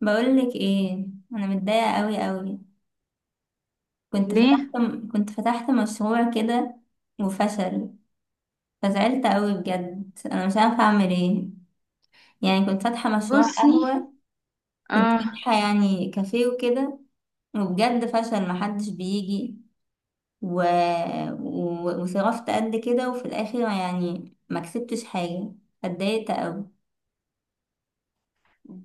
بقولك ايه؟ انا متضايقه قوي قوي. كنت ليه؟ فتحت كنت فتحت مشروع كده وفشل. فزعلت قوي بجد انا مش عارفه اعمل ايه. يعني كنت فاتحه مشروع بصي، قهوه. كنت اه، فاتحه يعني كافيه وكده. وبجد فشل محدش بيجي. و... وصرفت قد كده وفي الاخر يعني ما كسبتش حاجه. اتضايقت قوي.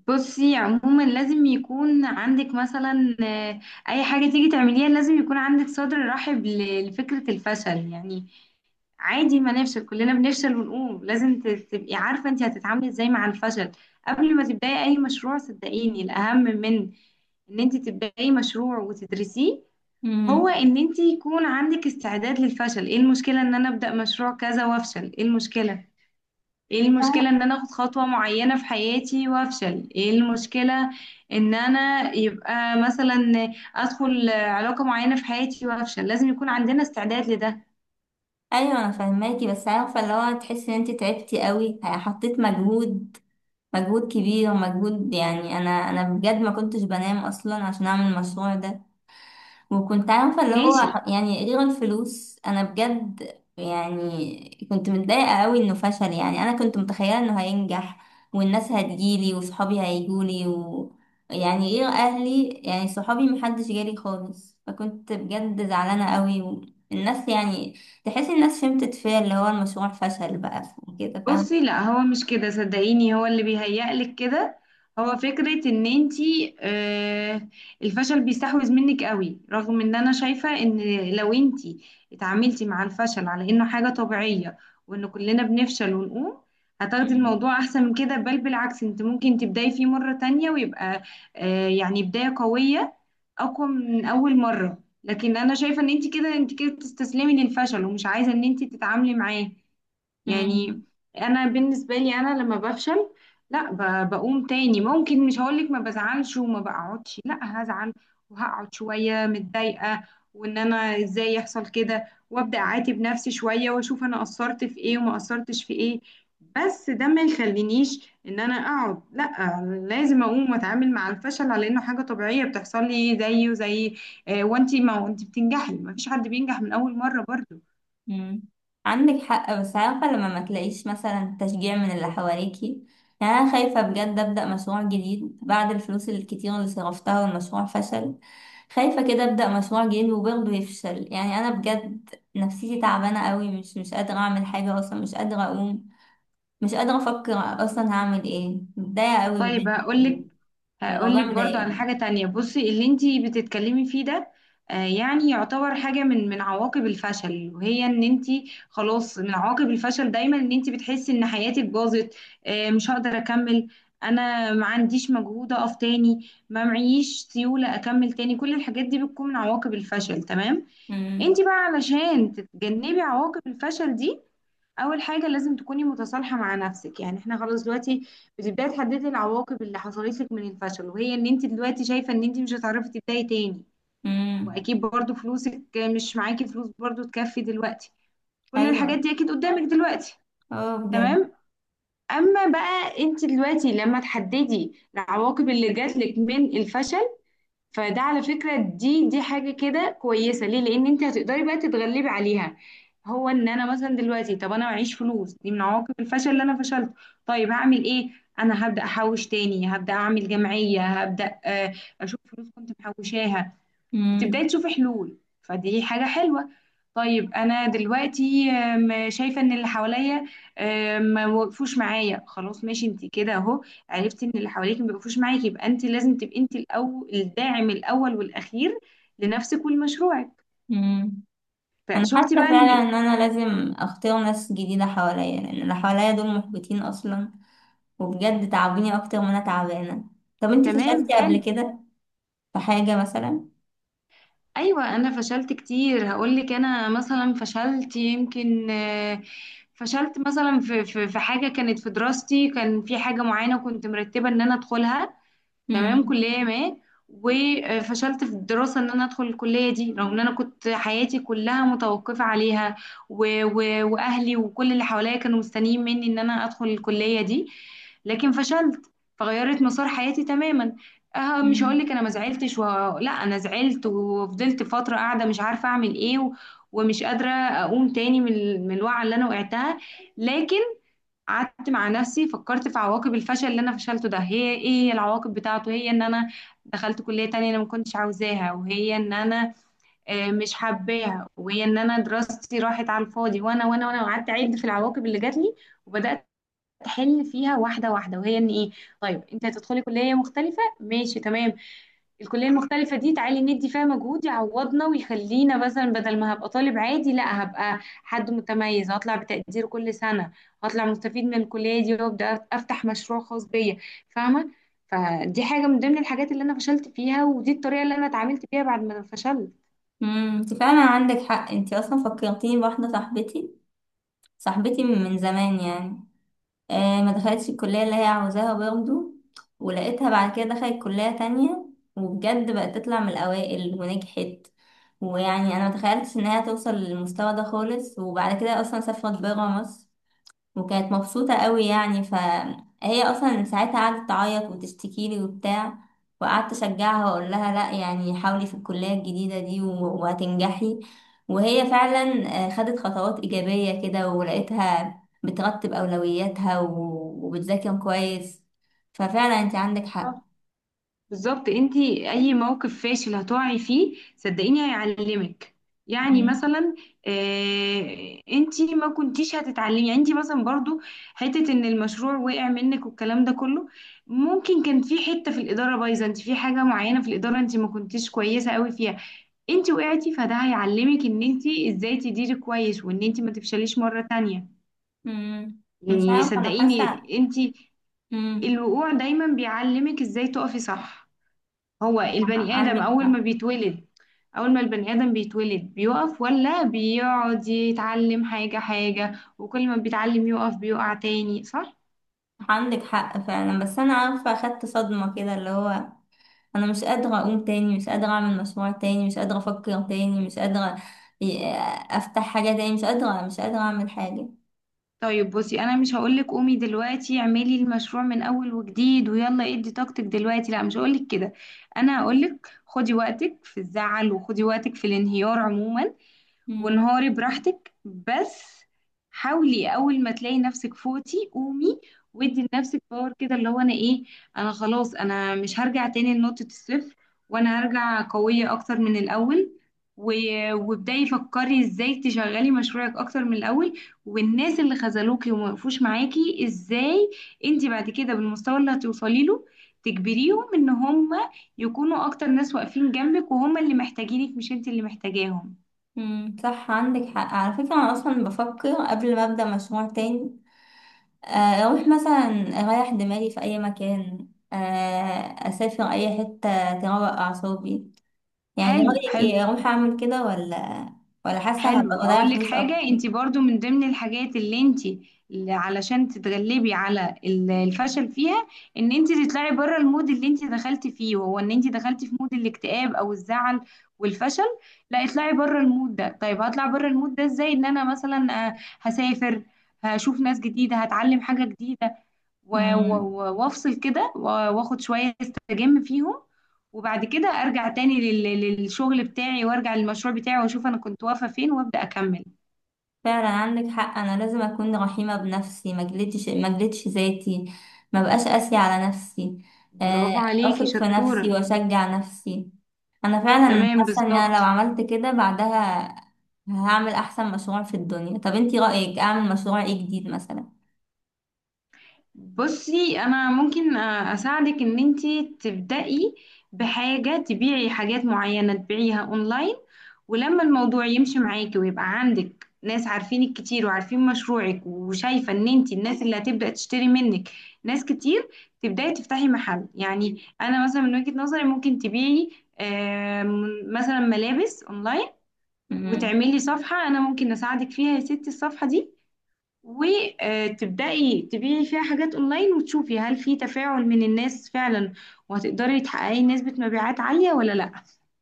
بصي عموما لازم يكون عندك مثلا اي حاجه تيجي تعمليها لازم يكون عندك صدر رحب لفكره الفشل يعني. عادي، ما نفشل، كلنا بنفشل ونقوم، لازم تبقي عارفه انت هتتعاملي ازاي مع الفشل قبل ما تبداي اي مشروع. صدقيني الاهم من ان انت تبداي مشروع وتدرسيه هو امم. ان انت يكون عندك استعداد للفشل. ايه المشكله ان انا ابدا مشروع كذا وافشل؟ ايه المشكله؟ ايه المشكلة ان انا اخد خطوة معينة في حياتي وافشل؟ ايه المشكلة ان انا يبقى مثلا ادخل علاقة معينة في حياتي وافشل؟ لازم يكون عندنا استعداد لده. ايوه، انا فاهماكي بس عارفه اللي هو تحسي ان انت تعبتي قوي حطيت مجهود. مجهود كبير ومجهود، يعني انا بجد ما كنتش بنام اصلا عشان اعمل المشروع ده. وكنت عارفه اللي هو ماشي. يعني غير الفلوس، انا بجد يعني كنت متضايقه قوي انه فشل. يعني انا كنت متخيله انه هينجح والناس هتجيلي وصحابي هيجولي يعني غير اهلي يعني صحابي محدش جالي خالص، فكنت بجد زعلانه قوي. والناس يعني تحس الناس فهمت فيا اللي هو المشروع فشل بقى وكده، فاهم؟ بصي، لا هو مش كده، صدقيني، هو اللي بيهيألك كده. هو فكرة ان انتي، الفشل بيستحوذ منك قوي، رغم ان انا شايفة ان لو انتي اتعاملتي مع الفشل على انه حاجة طبيعية، وان كلنا بنفشل ونقوم، هتاخدي الموضوع احسن من كده، بل بالعكس انت ممكن تبداي فيه مرة تانية ويبقى يعني بداية قوية اقوى من اول مرة. لكن انا شايفة ان انتي كده بتستسلمي للفشل ومش عايزة ان انتي تتعاملي معاه مم. يعني. انا بالنسبه لي انا لما بفشل، لا بقوم تاني. ممكن مش هقولك ما بزعلش وما بقعدش، لا هزعل وهقعد شويه متضايقه وان انا ازاي يحصل كده، وابدا اعاتب نفسي شويه واشوف انا قصرت في ايه وما قصرتش في ايه. بس ده ما يخلينيش ان انا اقعد، لا، لازم اقوم واتعامل مع الفشل على انه حاجه طبيعيه بتحصل لي زيه زي وانتي ما وانتي بتنجحي، ما فيش حد بينجح من اول مره برضو. مم. عندك حق، بس عارفة لما ما تلاقيش مثلا تشجيع من اللي حواليكي. يعني أنا خايفة بجد أبدأ مشروع جديد بعد الفلوس الكتير اللي صرفتها والمشروع فشل. خايفة كده أبدأ مشروع جديد وبرضه يفشل. يعني أنا بجد نفسيتي تعبانة قوي، مش قادرة أعمل حاجة أصلا، مش قادرة أقوم، مش قادرة أفكر أصلا. هعمل إيه؟ متضايقة قوي طيب بجد، هقول لك، هقول والموضوع لك برضو على مضايقني. حاجة تانية. بصي، اللي انتي بتتكلمي فيه ده يعني يعتبر حاجة من عواقب الفشل، وهي ان انتي خلاص من عواقب الفشل دايما ان انتي بتحسي ان حياتك باظت، مش هقدر اكمل، انا ما عنديش مجهود اقف تاني، ما معيش سيولة اكمل تاني. كل الحاجات دي بتكون من عواقب الفشل. تمام؟ مم. انتي بقى علشان تتجنبي عواقب الفشل دي، اول حاجه لازم تكوني متصالحه مع نفسك. يعني احنا خلاص دلوقتي بتبداي تحددي العواقب اللي حصلت لك من الفشل، وهي ان انت دلوقتي شايفه ان انت مش هتعرفي تبداي تاني، مم. واكيد برضو فلوسك مش معاكي، فلوس برضو تكفي دلوقتي، كل الحاجات أيوه. دي اكيد قدامك دلوقتي. أه، بجد. تمام؟ اما بقى انت دلوقتي لما تحددي العواقب اللي جات لك من الفشل، فده على فكرة، دي حاجة كده كويسة، ليه؟ لأن انت هتقدري بقى تتغلبي عليها. هو ان انا مثلا دلوقتي، طب انا معيش فلوس، دي من عواقب الفشل اللي انا فشلت. طيب هعمل ايه؟ انا هبدأ احوش تاني، هبدأ اعمل جمعية، هبدأ اشوف فلوس كنت محوشاها. بتبداي مم. تشوفي حلول، فدي حاجة حلوة. طيب أنا دلوقتي شايفة إن اللي حواليا ما وقفوش معايا، خلاص ماشي، أنت كده أهو، عرفتي إن اللي حواليك ما وقفوش معاكي، يبقى أنت لازم تبقي أنت الأول، الداعم الأول والأخير لنفسك ولمشروعك. مم. انا فشفتي حاسه بقى فعلا إن، ان انا لازم اختار ناس جديده حواليا، لان اللي حواليا دول محبطين اصلا وبجد تعبوني اكتر ما انا تعبانه. طب انت تمام. فشلتي قبل حلو. كده في حاجه مثلا؟ أيوة أنا فشلت كتير. هقولك، أنا مثلا فشلت يمكن، فشلت مثلا في حاجة كانت في دراستي، كان في حاجة معينة كنت مرتبة إن أنا أدخلها، تمام، امم كلية ما. وفشلت في الدراسة ان انا ادخل الكلية دي، رغم ان انا كنت حياتي كلها متوقفة عليها، و... و... واهلي وكل اللي حواليا كانوا مستنيين مني ان انا ادخل الكلية دي، لكن فشلت، فغيرت مسار حياتي تماما. أه، مش هقول امم لك انا ما زعلتش لا، انا زعلت وفضلت فترة قاعدة مش عارفة اعمل ايه ومش قادرة اقوم تاني من من الوعي اللي انا وقعتها. لكن قعدت مع نفسي، فكرت في عواقب الفشل اللي انا فشلته ده، هي ايه العواقب بتاعته؟ هي ان انا دخلت كلية تانية انا ما كنتش عاوزاها، وهي ان انا مش حباها، وهي ان انا دراستي راحت على الفاضي، وانا وقعدت اعد في العواقب اللي جات لي، وبدأت احل فيها واحدة واحدة. وهي ان ايه؟ طيب انت هتدخلي كلية مختلفة، ماشي تمام، الكلية المختلفة دي تعالي ندي فيها مجهود يعوضنا ويخلينا، مثلا بدل ما هبقى طالب عادي، لا، هبقى حد متميز، هطلع بتقدير كل سنة، هطلع مستفيد من الكلية دي، وابدأ افتح مشروع خاص بيا. فاهمة؟ فدي حاجة من ضمن الحاجات اللي انا فشلت فيها، ودي الطريقة اللي انا اتعاملت بيها بعد ما فشلت. امم. انت فعلا عندك حق. انت اصلا فكرتيني بواحده. صاحبتي، صاحبتي من زمان يعني، ما دخلتش الكلية اللي هي عاوزاها برضه. ولقيتها بعد كده دخلت كلية تانية وبجد بقت تطلع من الأوائل ونجحت. ويعني أنا متخيلتش إنها توصل للمستوى ده خالص، وبعد كده أصلا سافرت برا مصر وكانت مبسوطة قوي. يعني فهي أصلا ساعتها قعدت تعيط وتشتكي لي وبتاع، وقعدت أشجعها وأقول لها لأ يعني حاولي في الكلية الجديدة دي وهتنجحي. وهي فعلا خدت خطوات إيجابية كده، ولقيتها بترتب أولوياتها وبتذاكر كويس. ففعلا أنت عندك حق. بالظبط، انتي اي موقف فاشل هتقعي فيه صدقيني هيعلمك. يعني مم. مثلا انتي ما كنتيش هتتعلمي يعني. انتي مثلا برضو حتة ان المشروع وقع منك والكلام ده كله، ممكن كان في حتة في الإدارة بايظة، انتي في حاجة معينة في الإدارة انتي ما كنتيش كويسة قوي فيها، انتي وقعتي، فده هيعلمك ان انتي ازاي تديري كويس، وان انتي ما تفشليش مرة تانية. مم. مش يعني عارفة، أنا صدقيني حاسة. انتي مم. الوقوع دايما بيعلمك ازاي تقفي صح. هو البني آدم عندك أول حق. ما بيتولد، أول ما البني آدم بيتولد بيقف ولا بيقعد يتعلم حاجة حاجة، وكل ما بيتعلم يقف بيقع تاني، صح؟ عندك حق فعلا، بس أنا عارفة أخدت صدمة كده اللي هو انا مش قادرة اقوم تاني، مش قادرة اعمل مشروع تاني، مش قادرة افكر تاني، مش قادرة ي- افتح حاجة تاني، مش قادرة مش قادرة اعمل حاجة. طيب بصي، أنا مش هقولك قومي دلوقتي اعملي المشروع من أول وجديد ويلا ادي طاقتك دلوقتي، لا، مش هقولك كده. أنا هقولك خدي وقتك في الزعل وخدي وقتك في الانهيار عموما، مم. ونهاري براحتك، بس حاولي اول ما تلاقي نفسك فوتي قومي، وادي لنفسك باور كده، اللي هو انا ايه، انا خلاص انا مش هرجع تاني لنقطة الصفر، وانا هرجع قوية اكتر من الاول، و... وابداي فكري ازاي تشغلي مشروعك اكتر من الاول، والناس اللي خذلوكي وما وقفوش معاكي، ازاي انت بعد كده بالمستوى اللي هتوصلي له تجبريهم ان هم يكونوا اكتر ناس واقفين جنبك، وهم اللي محتاجينك مش انت اللي محتاجاهم. مم. صح عندك حق على فكرة. انا اصلا بفكر قبل ما ابدأ مشروع تاني آه، اروح مثلا اريح دماغي في اي مكان، اسافر اي حتة تروق اعصابي. يعني إيه حلو رأيك؟ حلو ايه، اروح اعمل كده ولا حاسة هبقى حلو، بضيع اقول لك فلوس حاجه. اكتر؟ انت برضو من ضمن الحاجات اللي انت اللي علشان تتغلبي على الفشل فيها، ان انت تطلعي بره المود اللي انت دخلتي فيه، وهو ان انت دخلتي في مود الاكتئاب او الزعل والفشل. لا، اطلعي بره المود ده. طيب هطلع بره المود ده ازاي؟ ان انا مثلا هسافر، هشوف ناس جديده، هتعلم حاجه جديده، مم. وافصل كده واخد شويه استجم فيهم، وبعد كده ارجع تاني للشغل بتاعي، وارجع للمشروع بتاعي واشوف انا كنت واقفة فين وابدأ اكمل. فعلا عندك حق. انا لازم اكون رحيمه بنفسي، ما جلدش ذاتي، ما بقاش قاسيه على نفسي، آه، برافو عليكي، اثق في نفسي شطورة. واشجع نفسي. انا فعلا تمام، حاسه ان انا لو بالظبط. عملت كده بعدها هعمل احسن مشروع في الدنيا. طب انتي رايك اعمل مشروع ايه جديد مثلا؟ بصي، انا ممكن اساعدك ان انتي تبدأي بحاجة، تبيعي حاجات معينة تبيعيها اونلاين، ولما الموضوع يمشي معاكي ويبقى عندك ناس عارفينك كتير وعارفين مشروعك، وشايفة ان انتي الناس اللي هتبدأ تشتري منك ناس كتير، تبدأي تفتحي محل. يعني انا مثلا من وجهة نظري ممكن تبيعي آم، مثلا ملابس اونلاين، امم وتعملي صفحة انا ممكن اساعدك فيها يا ستي، الصفحة دي وتبدأي تبيعي فيها حاجات اونلاين، وتشوفي هل في تفاعل من الناس فعلا، وهتقدري تحققي نسبة مبيعات عالية ولا لا.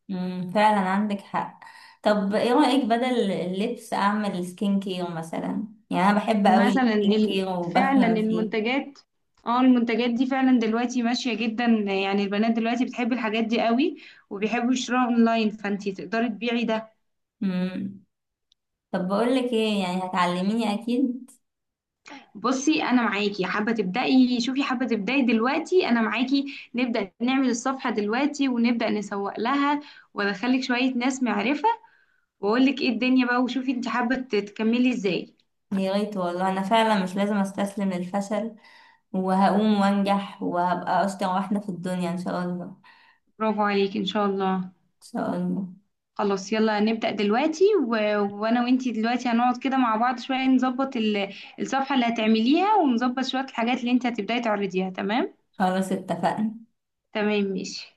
أمم، فعلا عندك حق. طب ايه رايك بدل اللبس اعمل سكين كير مثلا؟ يعني انا بحب قوي مثلا السكين ال- كير فعلا وبفهم فيه. المنتجات، اه، المنتجات دي فعلا دلوقتي ماشية جدا، يعني البنات دلوقتي بتحب الحاجات دي قوي وبيحبوا يشتروها اونلاين، فانتي تقدري تبيعي ده. مم. طب بقولك ايه، يعني هتعلميني اكيد؟ بصي انا معاكي، حابة تبدأي؟ شوفي، حابة تبدأي دلوقتي، انا معاكي، نبدأ نعمل الصفحة دلوقتي، ونبدأ نسوق لها، وادخلك شوية ناس معرفة، واقول لك ايه الدنيا بقى، وشوفي انت حابة تكملي ازاي. يا ريت والله. انا فعلا مش لازم استسلم للفشل، وهقوم وانجح وهبقى اشطر واحدة في الدنيا ان شاء الله. ان برافو عليك، ان شاء الله. شاء الله. خلاص يلا نبدأ دلوقتي وانا وانتي دلوقتي هنقعد كده مع بعض شوية، نظبط الصفحة اللي هتعمليها، ونظبط شوية الحاجات اللي انت هتبداي تعرضيها. تمام؟ خلاص اتفقنا. تمام، ماشي.